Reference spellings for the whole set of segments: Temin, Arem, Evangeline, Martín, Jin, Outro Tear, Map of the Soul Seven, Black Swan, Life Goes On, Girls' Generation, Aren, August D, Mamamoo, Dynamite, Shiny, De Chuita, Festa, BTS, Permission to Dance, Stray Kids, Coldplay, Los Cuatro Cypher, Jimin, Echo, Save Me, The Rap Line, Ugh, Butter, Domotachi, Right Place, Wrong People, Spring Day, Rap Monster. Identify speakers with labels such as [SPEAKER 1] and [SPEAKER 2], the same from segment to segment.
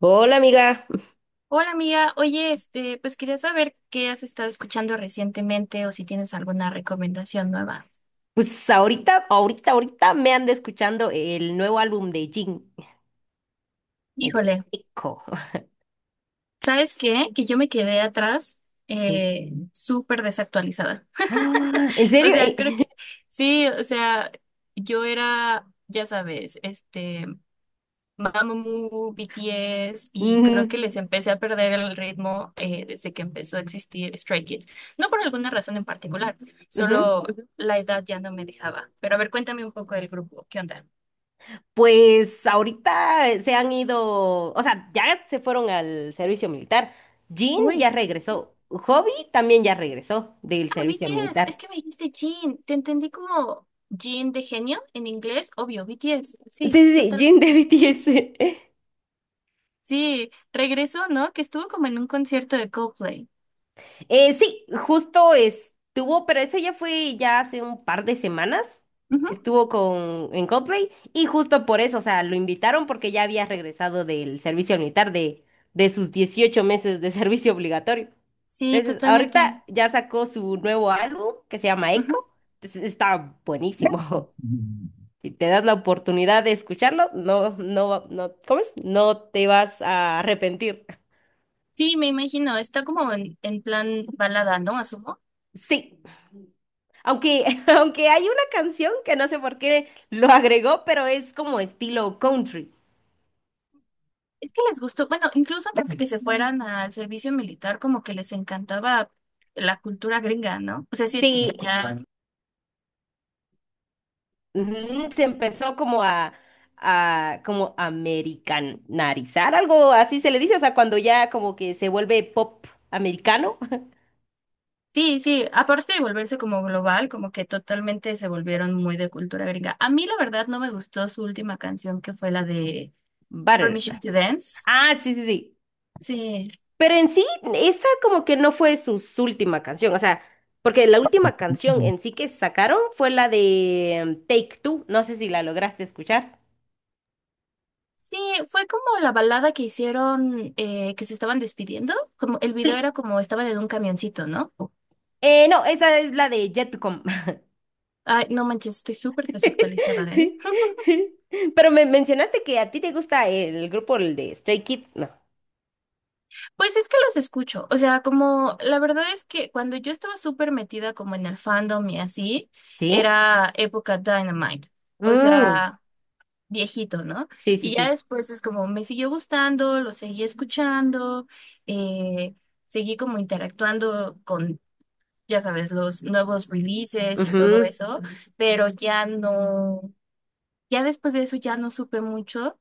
[SPEAKER 1] Hola amiga,
[SPEAKER 2] Hola amiga, oye, pues quería saber qué has estado escuchando recientemente o si tienes alguna recomendación nueva.
[SPEAKER 1] pues ahorita me ando escuchando el nuevo álbum de Jin, el de
[SPEAKER 2] Híjole,
[SPEAKER 1] Echo.
[SPEAKER 2] ¿sabes qué? Que yo me quedé atrás,
[SPEAKER 1] Sí.
[SPEAKER 2] súper desactualizada.
[SPEAKER 1] Ah, ¿en
[SPEAKER 2] O
[SPEAKER 1] serio?
[SPEAKER 2] sea, creo que sí, o sea, yo era, ya sabes, Mamamoo, BTS, y creo que
[SPEAKER 1] Ujú,
[SPEAKER 2] les empecé a perder el ritmo desde que empezó a existir Stray Kids. No por alguna razón en particular,
[SPEAKER 1] ujú.
[SPEAKER 2] solo la edad ya no me dejaba. Pero a ver, cuéntame un poco del grupo, ¿qué onda?
[SPEAKER 1] Pues ahorita se han ido, o sea, ya se fueron al servicio militar. Jin ya
[SPEAKER 2] Uy, ¿no?
[SPEAKER 1] regresó, Hobby también ya regresó del
[SPEAKER 2] Ah,
[SPEAKER 1] servicio
[SPEAKER 2] BTS, es
[SPEAKER 1] militar.
[SPEAKER 2] que me dijiste Jin, te entendí como Jin de genio en inglés, obvio, BTS,
[SPEAKER 1] Sí,
[SPEAKER 2] sí,
[SPEAKER 1] sí, sí, Jin de
[SPEAKER 2] totalmente.
[SPEAKER 1] BTS.
[SPEAKER 2] Sí, regresó, ¿no? Que estuvo como en un concierto de Coldplay.
[SPEAKER 1] Sí, justo estuvo, pero eso ya fue ya hace un par de semanas
[SPEAKER 2] Ujú,
[SPEAKER 1] que estuvo con en Coldplay y justo por eso, o sea, lo invitaron porque ya había regresado del servicio militar de sus 18 meses de servicio obligatorio.
[SPEAKER 2] sí,
[SPEAKER 1] Entonces,
[SPEAKER 2] totalmente.
[SPEAKER 1] ahorita ya sacó su nuevo álbum que se llama
[SPEAKER 2] Ujú.
[SPEAKER 1] Echo. Entonces, está buenísimo. Si te das la oportunidad de escucharlo, no, no, no, ¿cómo es? No te vas a arrepentir.
[SPEAKER 2] Sí, me imagino, está como en plan balada, ¿no? Asumo.
[SPEAKER 1] Sí. Aunque, aunque hay una canción que no sé por qué lo agregó, pero es como estilo country.
[SPEAKER 2] Es que les gustó, bueno, incluso antes de que se fueran al servicio militar, como que les encantaba la cultura gringa, ¿no? O sea, sí, que
[SPEAKER 1] Sí,
[SPEAKER 2] ya...
[SPEAKER 1] ujú, se empezó como a como americanizar, algo así se le dice, o sea, cuando ya como que se vuelve pop americano.
[SPEAKER 2] Sí, sí, aparte de volverse como global, como que totalmente se volvieron muy de cultura gringa. A mí la verdad no me gustó su última canción, que fue la de
[SPEAKER 1] Butter.
[SPEAKER 2] Permission to Dance.
[SPEAKER 1] Ah, sí, sí, sí.
[SPEAKER 2] Sí.
[SPEAKER 1] Pero en sí, esa como que no fue su última canción, o sea, porque la última canción en sí que sacaron fue la de Take Two, no sé si la lograste escuchar.
[SPEAKER 2] Sí, fue como la balada que hicieron, que se estaban despidiendo, como el video
[SPEAKER 1] Sí,
[SPEAKER 2] era como estaban en un camioncito, ¿no?
[SPEAKER 1] eh, no, esa es la de Jetcom.
[SPEAKER 2] Ay, no manches, estoy súper desactualizada, ¿eh?
[SPEAKER 1] Pero me mencionaste que a ti te gusta el grupo el de Stray Kids, ¿no?
[SPEAKER 2] Pues es que los escucho, o sea, como la verdad es que cuando yo estaba súper metida como en el fandom y así,
[SPEAKER 1] ¿Sí?
[SPEAKER 2] era época Dynamite, o
[SPEAKER 1] Mm,
[SPEAKER 2] sea, viejito, ¿no?
[SPEAKER 1] sí, sí,
[SPEAKER 2] Y ya
[SPEAKER 1] sí.
[SPEAKER 2] después es como me siguió gustando, lo seguí escuchando, eh, seguí como interactuando con, ya sabes, los nuevos releases y todo
[SPEAKER 1] Ujú,
[SPEAKER 2] eso, pero ya no, ya después de eso ya no supe mucho.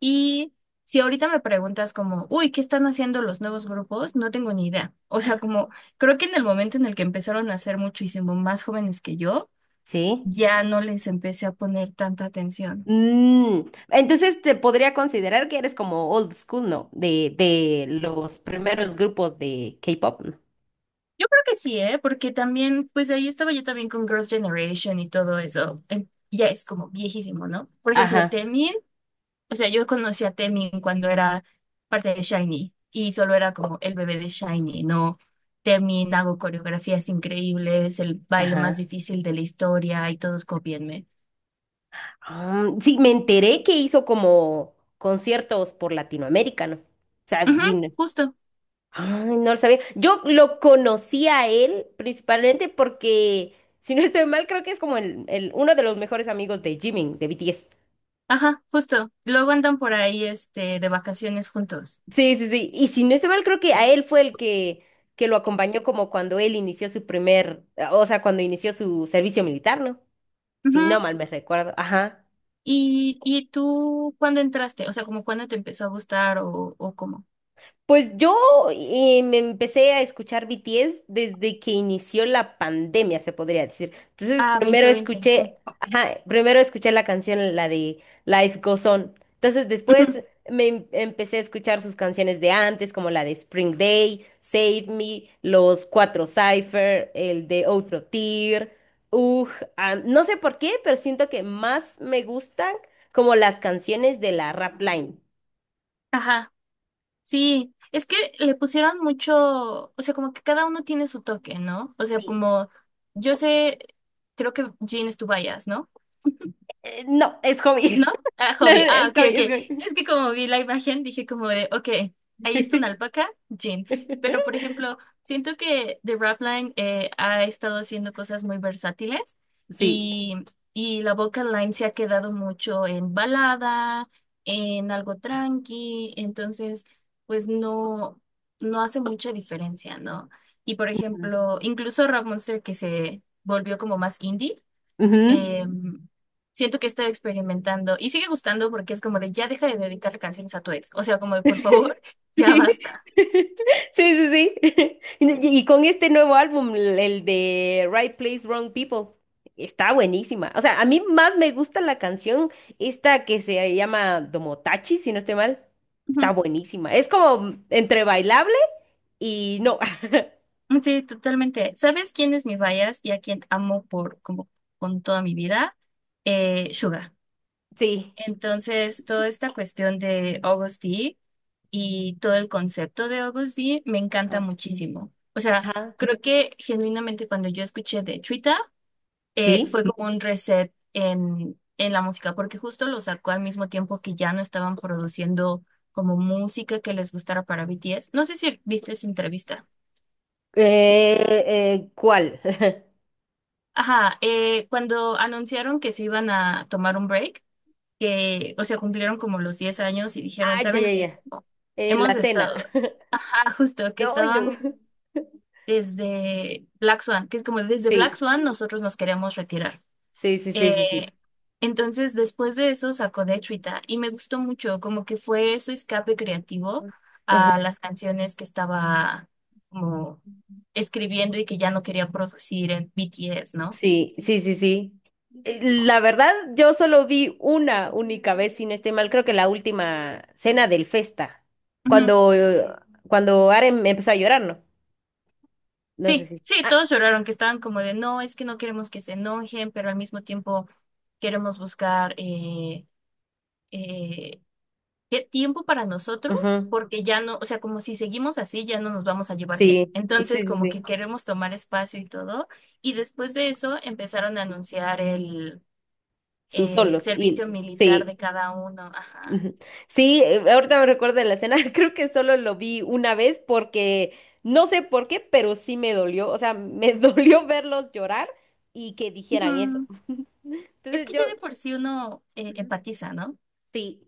[SPEAKER 2] Y si ahorita me preguntas como, uy, ¿qué están haciendo los nuevos grupos? No tengo ni idea. O sea, como creo que en el momento en el que empezaron a ser muchísimo más jóvenes que yo,
[SPEAKER 1] sí.
[SPEAKER 2] ya no les empecé a poner tanta atención.
[SPEAKER 1] Mm, entonces te podría considerar que eres como old school, ¿no? De los primeros grupos de K-pop, ¿no?
[SPEAKER 2] Yo creo que sí, ¿eh? Porque también, pues ahí estaba yo también con Girls' Generation y todo eso. Ya es como viejísimo, ¿no? Por ejemplo,
[SPEAKER 1] Ajá,
[SPEAKER 2] Temi o sea, yo conocí a Temin cuando era parte de Shiny y solo era como el bebé de Shiny, ¿no? Temin, hago coreografías increíbles, el baile más
[SPEAKER 1] ajá.
[SPEAKER 2] difícil de la historia y todos copienme.
[SPEAKER 1] Ah, sí, me enteré que hizo como conciertos por Latinoamérica, ¿no? O sea,
[SPEAKER 2] Ujú,
[SPEAKER 1] vino.
[SPEAKER 2] justo,
[SPEAKER 1] Ay, no lo sabía. Yo lo conocí a él principalmente porque, si no estoy mal, creo que es como uno de los mejores amigos de Jimin, de BTS.
[SPEAKER 2] ajá, justo. Luego andan por ahí de vacaciones juntos.
[SPEAKER 1] Sí, sí, sí. Y si no estoy mal, creo que a él fue el que lo acompañó como cuando él inició su primer, o sea, cuando inició su servicio militar, ¿no?
[SPEAKER 2] Ujú.
[SPEAKER 1] Sí, no mal me recuerdo. Ajá.
[SPEAKER 2] ¿Y tú cuándo entraste? O sea, como cuándo te empezó a gustar o cómo.
[SPEAKER 1] Pues yo me empecé a escuchar BTS desde que inició la pandemia, se podría decir. Entonces,
[SPEAKER 2] Ah, dos mil
[SPEAKER 1] primero
[SPEAKER 2] veinte sí.
[SPEAKER 1] escuché, ajá, primero escuché la canción, la de Life Goes On. Entonces,
[SPEAKER 2] Ujú,
[SPEAKER 1] después me empecé a escuchar sus canciones de antes, como la de Spring Day, Save Me, Los Cuatro Cypher, el de Outro Tear, ugh, ah, no sé por qué, pero siento que más me gustan como las canciones de la rap line.
[SPEAKER 2] ajá. Sí, es que le pusieron mucho, o sea, como que cada uno tiene su toque, ¿no? O sea,
[SPEAKER 1] Sí,
[SPEAKER 2] como yo sé, creo que Jean es tu bias, ¿no?
[SPEAKER 1] no, es
[SPEAKER 2] ¿No?
[SPEAKER 1] hobby.
[SPEAKER 2] Ah,
[SPEAKER 1] No, no,
[SPEAKER 2] hobby. Ah,
[SPEAKER 1] es
[SPEAKER 2] ok,
[SPEAKER 1] Gaby,
[SPEAKER 2] ok.
[SPEAKER 1] es
[SPEAKER 2] Es que como vi la imagen, dije como de, ok, ahí está una
[SPEAKER 1] Gaby.
[SPEAKER 2] alpaca, jean. Pero, por ejemplo, siento que The Rap Line ha estado haciendo cosas muy versátiles
[SPEAKER 1] Sí.
[SPEAKER 2] y, y la vocal line se ha quedado mucho en balada, en algo tranqui. Entonces, pues no, no hace mucha diferencia, ¿no? Y, por ejemplo, incluso Rap Monster que se volvió como más indie,
[SPEAKER 1] Ujú.
[SPEAKER 2] eh, siento que he estado experimentando y sigue gustando porque es como de ya deja de dedicarle canciones a tu ex. O sea, como de por favor, ya
[SPEAKER 1] Sí,
[SPEAKER 2] basta.
[SPEAKER 1] sí, sí, sí. Y, y con este nuevo álbum, el de Right Place, Wrong People, está buenísima. O sea, a mí más me gusta la canción, esta que se llama Domotachi, si no estoy mal. Está
[SPEAKER 2] Ujú.
[SPEAKER 1] buenísima. Es como entre bailable y no.
[SPEAKER 2] Sí, totalmente. ¿Sabes quién es mi bias y a quién amo por como con toda mi vida? Suga.
[SPEAKER 1] Sí.
[SPEAKER 2] Entonces, toda esta cuestión de August D y todo el concepto de August D me encanta
[SPEAKER 1] Ajá.
[SPEAKER 2] muchísimo. O sea,
[SPEAKER 1] Ajá.
[SPEAKER 2] creo que genuinamente cuando yo escuché de Chuita fue
[SPEAKER 1] Sí.
[SPEAKER 2] como un reset en, la música, porque justo lo sacó al mismo tiempo que ya no estaban produciendo como música que les gustara para BTS. No sé si viste esa entrevista. Sí.
[SPEAKER 1] ¿Cuál?
[SPEAKER 2] Ajá, cuando anunciaron que se iban a tomar un break, que, o sea, cumplieron como los 10 años y dijeron,
[SPEAKER 1] Ay, ya,
[SPEAKER 2] ¿saben
[SPEAKER 1] ya,
[SPEAKER 2] qué?
[SPEAKER 1] ya.
[SPEAKER 2] Como
[SPEAKER 1] En
[SPEAKER 2] hemos
[SPEAKER 1] la cena.
[SPEAKER 2] estado, ajá, justo, que
[SPEAKER 1] No, ay, no.
[SPEAKER 2] estaban desde Black Swan, que es como desde Black
[SPEAKER 1] Sí,
[SPEAKER 2] Swan nosotros nos queremos retirar.
[SPEAKER 1] sí, sí, sí, sí, sí.
[SPEAKER 2] Eh, entonces, después de eso sacó De Chuita y me gustó mucho, como que fue su escape creativo
[SPEAKER 1] Uy,
[SPEAKER 2] a las canciones que estaba como escribiendo y que ya no quería producir en BTS, ¿no?
[SPEAKER 1] sí, sí, sí, sí. La verdad, yo solo vi una única vez, sin este mal, creo que la última cena del Festa,
[SPEAKER 2] Ujú.
[SPEAKER 1] cuando, eh, cuando Aren empezó a llorar, ¿no? No sé
[SPEAKER 2] Sí,
[SPEAKER 1] si.
[SPEAKER 2] sí,
[SPEAKER 1] Ah,
[SPEAKER 2] todos lloraron, que estaban como de, no, es que no queremos que se enojen, pero al mismo tiempo queremos buscar, eh, ¿qué tiempo para nosotros?
[SPEAKER 1] ujú,
[SPEAKER 2] Porque ya no, o sea, como si seguimos así, ya no nos vamos a llevar bien.
[SPEAKER 1] sí, sí,
[SPEAKER 2] Entonces,
[SPEAKER 1] sí,
[SPEAKER 2] como
[SPEAKER 1] sí.
[SPEAKER 2] que queremos tomar espacio y todo. Y después de eso empezaron a anunciar el,
[SPEAKER 1] Sus
[SPEAKER 2] el
[SPEAKER 1] solos. Y
[SPEAKER 2] servicio militar
[SPEAKER 1] sí.
[SPEAKER 2] de cada uno. Ajá.
[SPEAKER 1] Ujú. Sí, ahorita me recuerdo de la escena, creo que solo lo vi una vez porque no sé por qué, pero sí me dolió, o sea, me dolió verlos llorar y que dijeran eso.
[SPEAKER 2] Ujú. Es
[SPEAKER 1] Entonces
[SPEAKER 2] que
[SPEAKER 1] yo...
[SPEAKER 2] ya de por sí uno empatiza, ¿no?
[SPEAKER 1] Sí,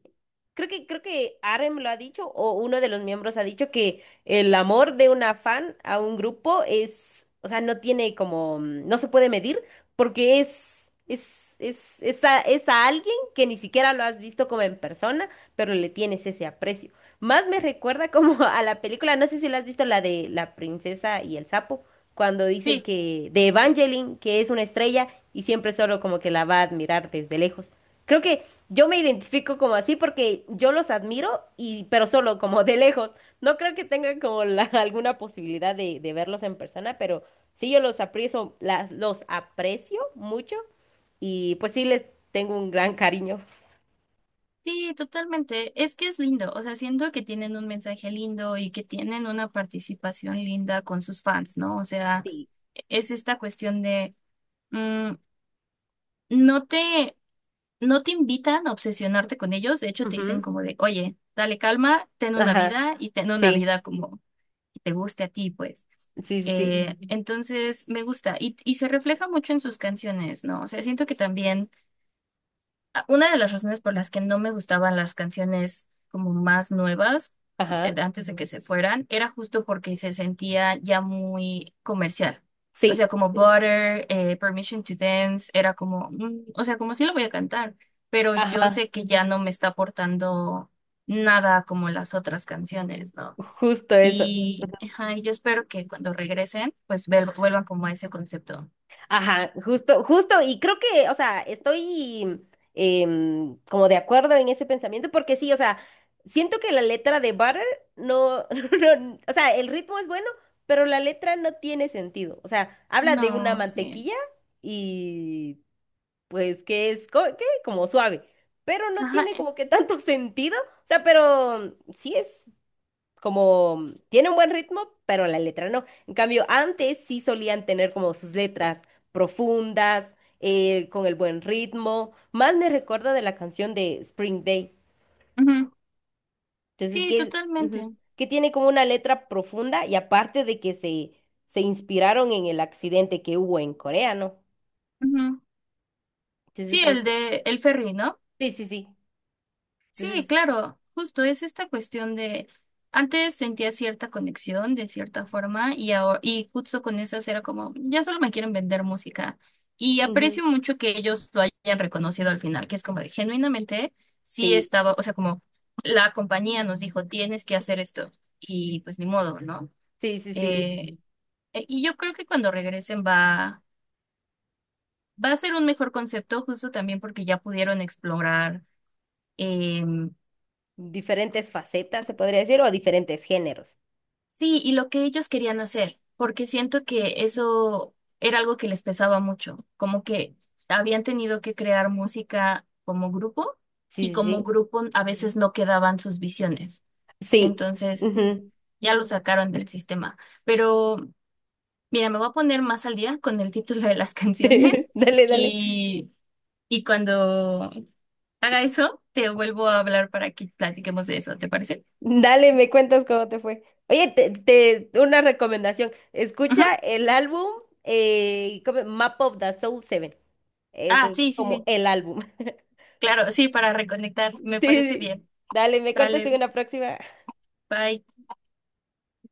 [SPEAKER 1] creo que Arem lo ha dicho o uno de los miembros ha dicho que el amor de una fan a un grupo es, o sea, no tiene como, mm, no se puede medir porque es a alguien que ni siquiera lo has visto como en persona, pero le tienes ese aprecio. Más me recuerda como a la película, no sé si la has visto, la de la princesa y el sapo, cuando dice
[SPEAKER 2] Sí,
[SPEAKER 1] que de Evangeline, que es una estrella y siempre solo como que la va a admirar desde lejos. Creo que yo me identifico como así porque yo los admiro y, pero solo como de lejos. No creo que tenga como alguna posibilidad de verlos en persona, pero sí yo los aprecio, las, los aprecio mucho y pues sí les tengo un gran cariño.
[SPEAKER 2] sí, totalmente. Es que es lindo. O sea, siento que tienen un mensaje lindo y que tienen una participación linda con sus fans, ¿no? O sea,
[SPEAKER 1] Sí.
[SPEAKER 2] es esta cuestión de... mm, no te no te invitan a obsesionarte con ellos, de hecho te dicen
[SPEAKER 1] Ujú.
[SPEAKER 2] como de, oye, dale calma, ten una
[SPEAKER 1] Ajá.
[SPEAKER 2] vida y ten una
[SPEAKER 1] Sí.
[SPEAKER 2] vida como que te guste a ti, pues.
[SPEAKER 1] Sí, sí, sí.
[SPEAKER 2] Ujú. Entonces me gusta y se refleja mucho en sus canciones, ¿no? O sea, siento que también, una de las razones por las que no me gustaban las canciones como más nuevas, de
[SPEAKER 1] Ajá.
[SPEAKER 2] antes de que se fueran, era justo porque se sentía ya muy comercial. O sea,
[SPEAKER 1] Sí.
[SPEAKER 2] como Butter, Permission to Dance, era como, o sea, como sí lo voy a cantar, pero yo
[SPEAKER 1] Ajá.
[SPEAKER 2] sé que ya no me está aportando nada como las otras canciones, ¿no?
[SPEAKER 1] Justo eso.
[SPEAKER 2] Y ajá, y yo espero que cuando regresen, pues vuelvan como a ese concepto.
[SPEAKER 1] Ajá, justo, justo, y creo que, o sea, estoy como de acuerdo en ese pensamiento, porque sí, o sea, siento que la letra de Butter no, no, o sea, el ritmo es bueno, pero la letra no tiene sentido. O sea, habla de una
[SPEAKER 2] No, sí.
[SPEAKER 1] mantequilla y pues que es, que como suave, pero no
[SPEAKER 2] Ajá.
[SPEAKER 1] tiene como que tanto sentido. O sea, pero sí es como tiene un buen ritmo, pero la letra no. En cambio, antes sí solían tener como sus letras profundas, con el buen ritmo. Más me recuerda de la canción de Spring Day.
[SPEAKER 2] Ujú.
[SPEAKER 1] Entonces,
[SPEAKER 2] Sí,
[SPEAKER 1] que,
[SPEAKER 2] totalmente.
[SPEAKER 1] ujú, que tiene como una letra profunda y aparte de que se inspiraron en el accidente que hubo en Corea, ¿no?
[SPEAKER 2] Ujú.
[SPEAKER 1] Entonces
[SPEAKER 2] Sí,
[SPEAKER 1] creo
[SPEAKER 2] el
[SPEAKER 1] que...
[SPEAKER 2] de el ferry, ¿no?
[SPEAKER 1] Sí, sí, sí.
[SPEAKER 2] Sí,
[SPEAKER 1] Entonces,
[SPEAKER 2] claro, justo es esta cuestión de antes, sentía cierta conexión de cierta forma y ahora, y justo con esas era como ya solo me quieren vender música, y
[SPEAKER 1] ujú,
[SPEAKER 2] aprecio mucho que ellos lo hayan reconocido al final, que es como de genuinamente sí
[SPEAKER 1] sí,
[SPEAKER 2] estaba, o sea, como la compañía nos dijo tienes que hacer esto y pues ni modo, ¿no?
[SPEAKER 1] sí, sí, sí.
[SPEAKER 2] Eh, y yo creo que cuando regresen va a ser un mejor concepto, justo también porque ya pudieron explorar em,
[SPEAKER 1] Diferentes facetas, se podría decir, o diferentes géneros.
[SPEAKER 2] Sí, y lo que ellos querían hacer, porque siento que eso era algo que les pesaba mucho, como que habían tenido que crear música como grupo
[SPEAKER 1] Sí,
[SPEAKER 2] y
[SPEAKER 1] sí,
[SPEAKER 2] como
[SPEAKER 1] sí.
[SPEAKER 2] grupo a veces no quedaban sus visiones.
[SPEAKER 1] Sí.
[SPEAKER 2] Entonces, sí,
[SPEAKER 1] Ujú.
[SPEAKER 2] ya lo sacaron del sistema. Pero mira, me voy a poner más al día con el título de las canciones
[SPEAKER 1] Dale, dale,
[SPEAKER 2] y, y cuando haga eso, te vuelvo a hablar para que platiquemos de eso, ¿te parece?
[SPEAKER 1] dale, me cuentas cómo te fue. Oye, una recomendación. Escucha
[SPEAKER 2] Ujú.
[SPEAKER 1] el álbum ¿cómo? Map of the Soul 7,
[SPEAKER 2] Ah,
[SPEAKER 1] ese es
[SPEAKER 2] sí, sí,
[SPEAKER 1] como
[SPEAKER 2] sí.
[SPEAKER 1] el álbum.
[SPEAKER 2] Claro, sí, para reconectar,
[SPEAKER 1] Sí,
[SPEAKER 2] me parece
[SPEAKER 1] sí.
[SPEAKER 2] bien.
[SPEAKER 1] Dale, me cuentas en
[SPEAKER 2] Sale,
[SPEAKER 1] una próxima.
[SPEAKER 2] bye.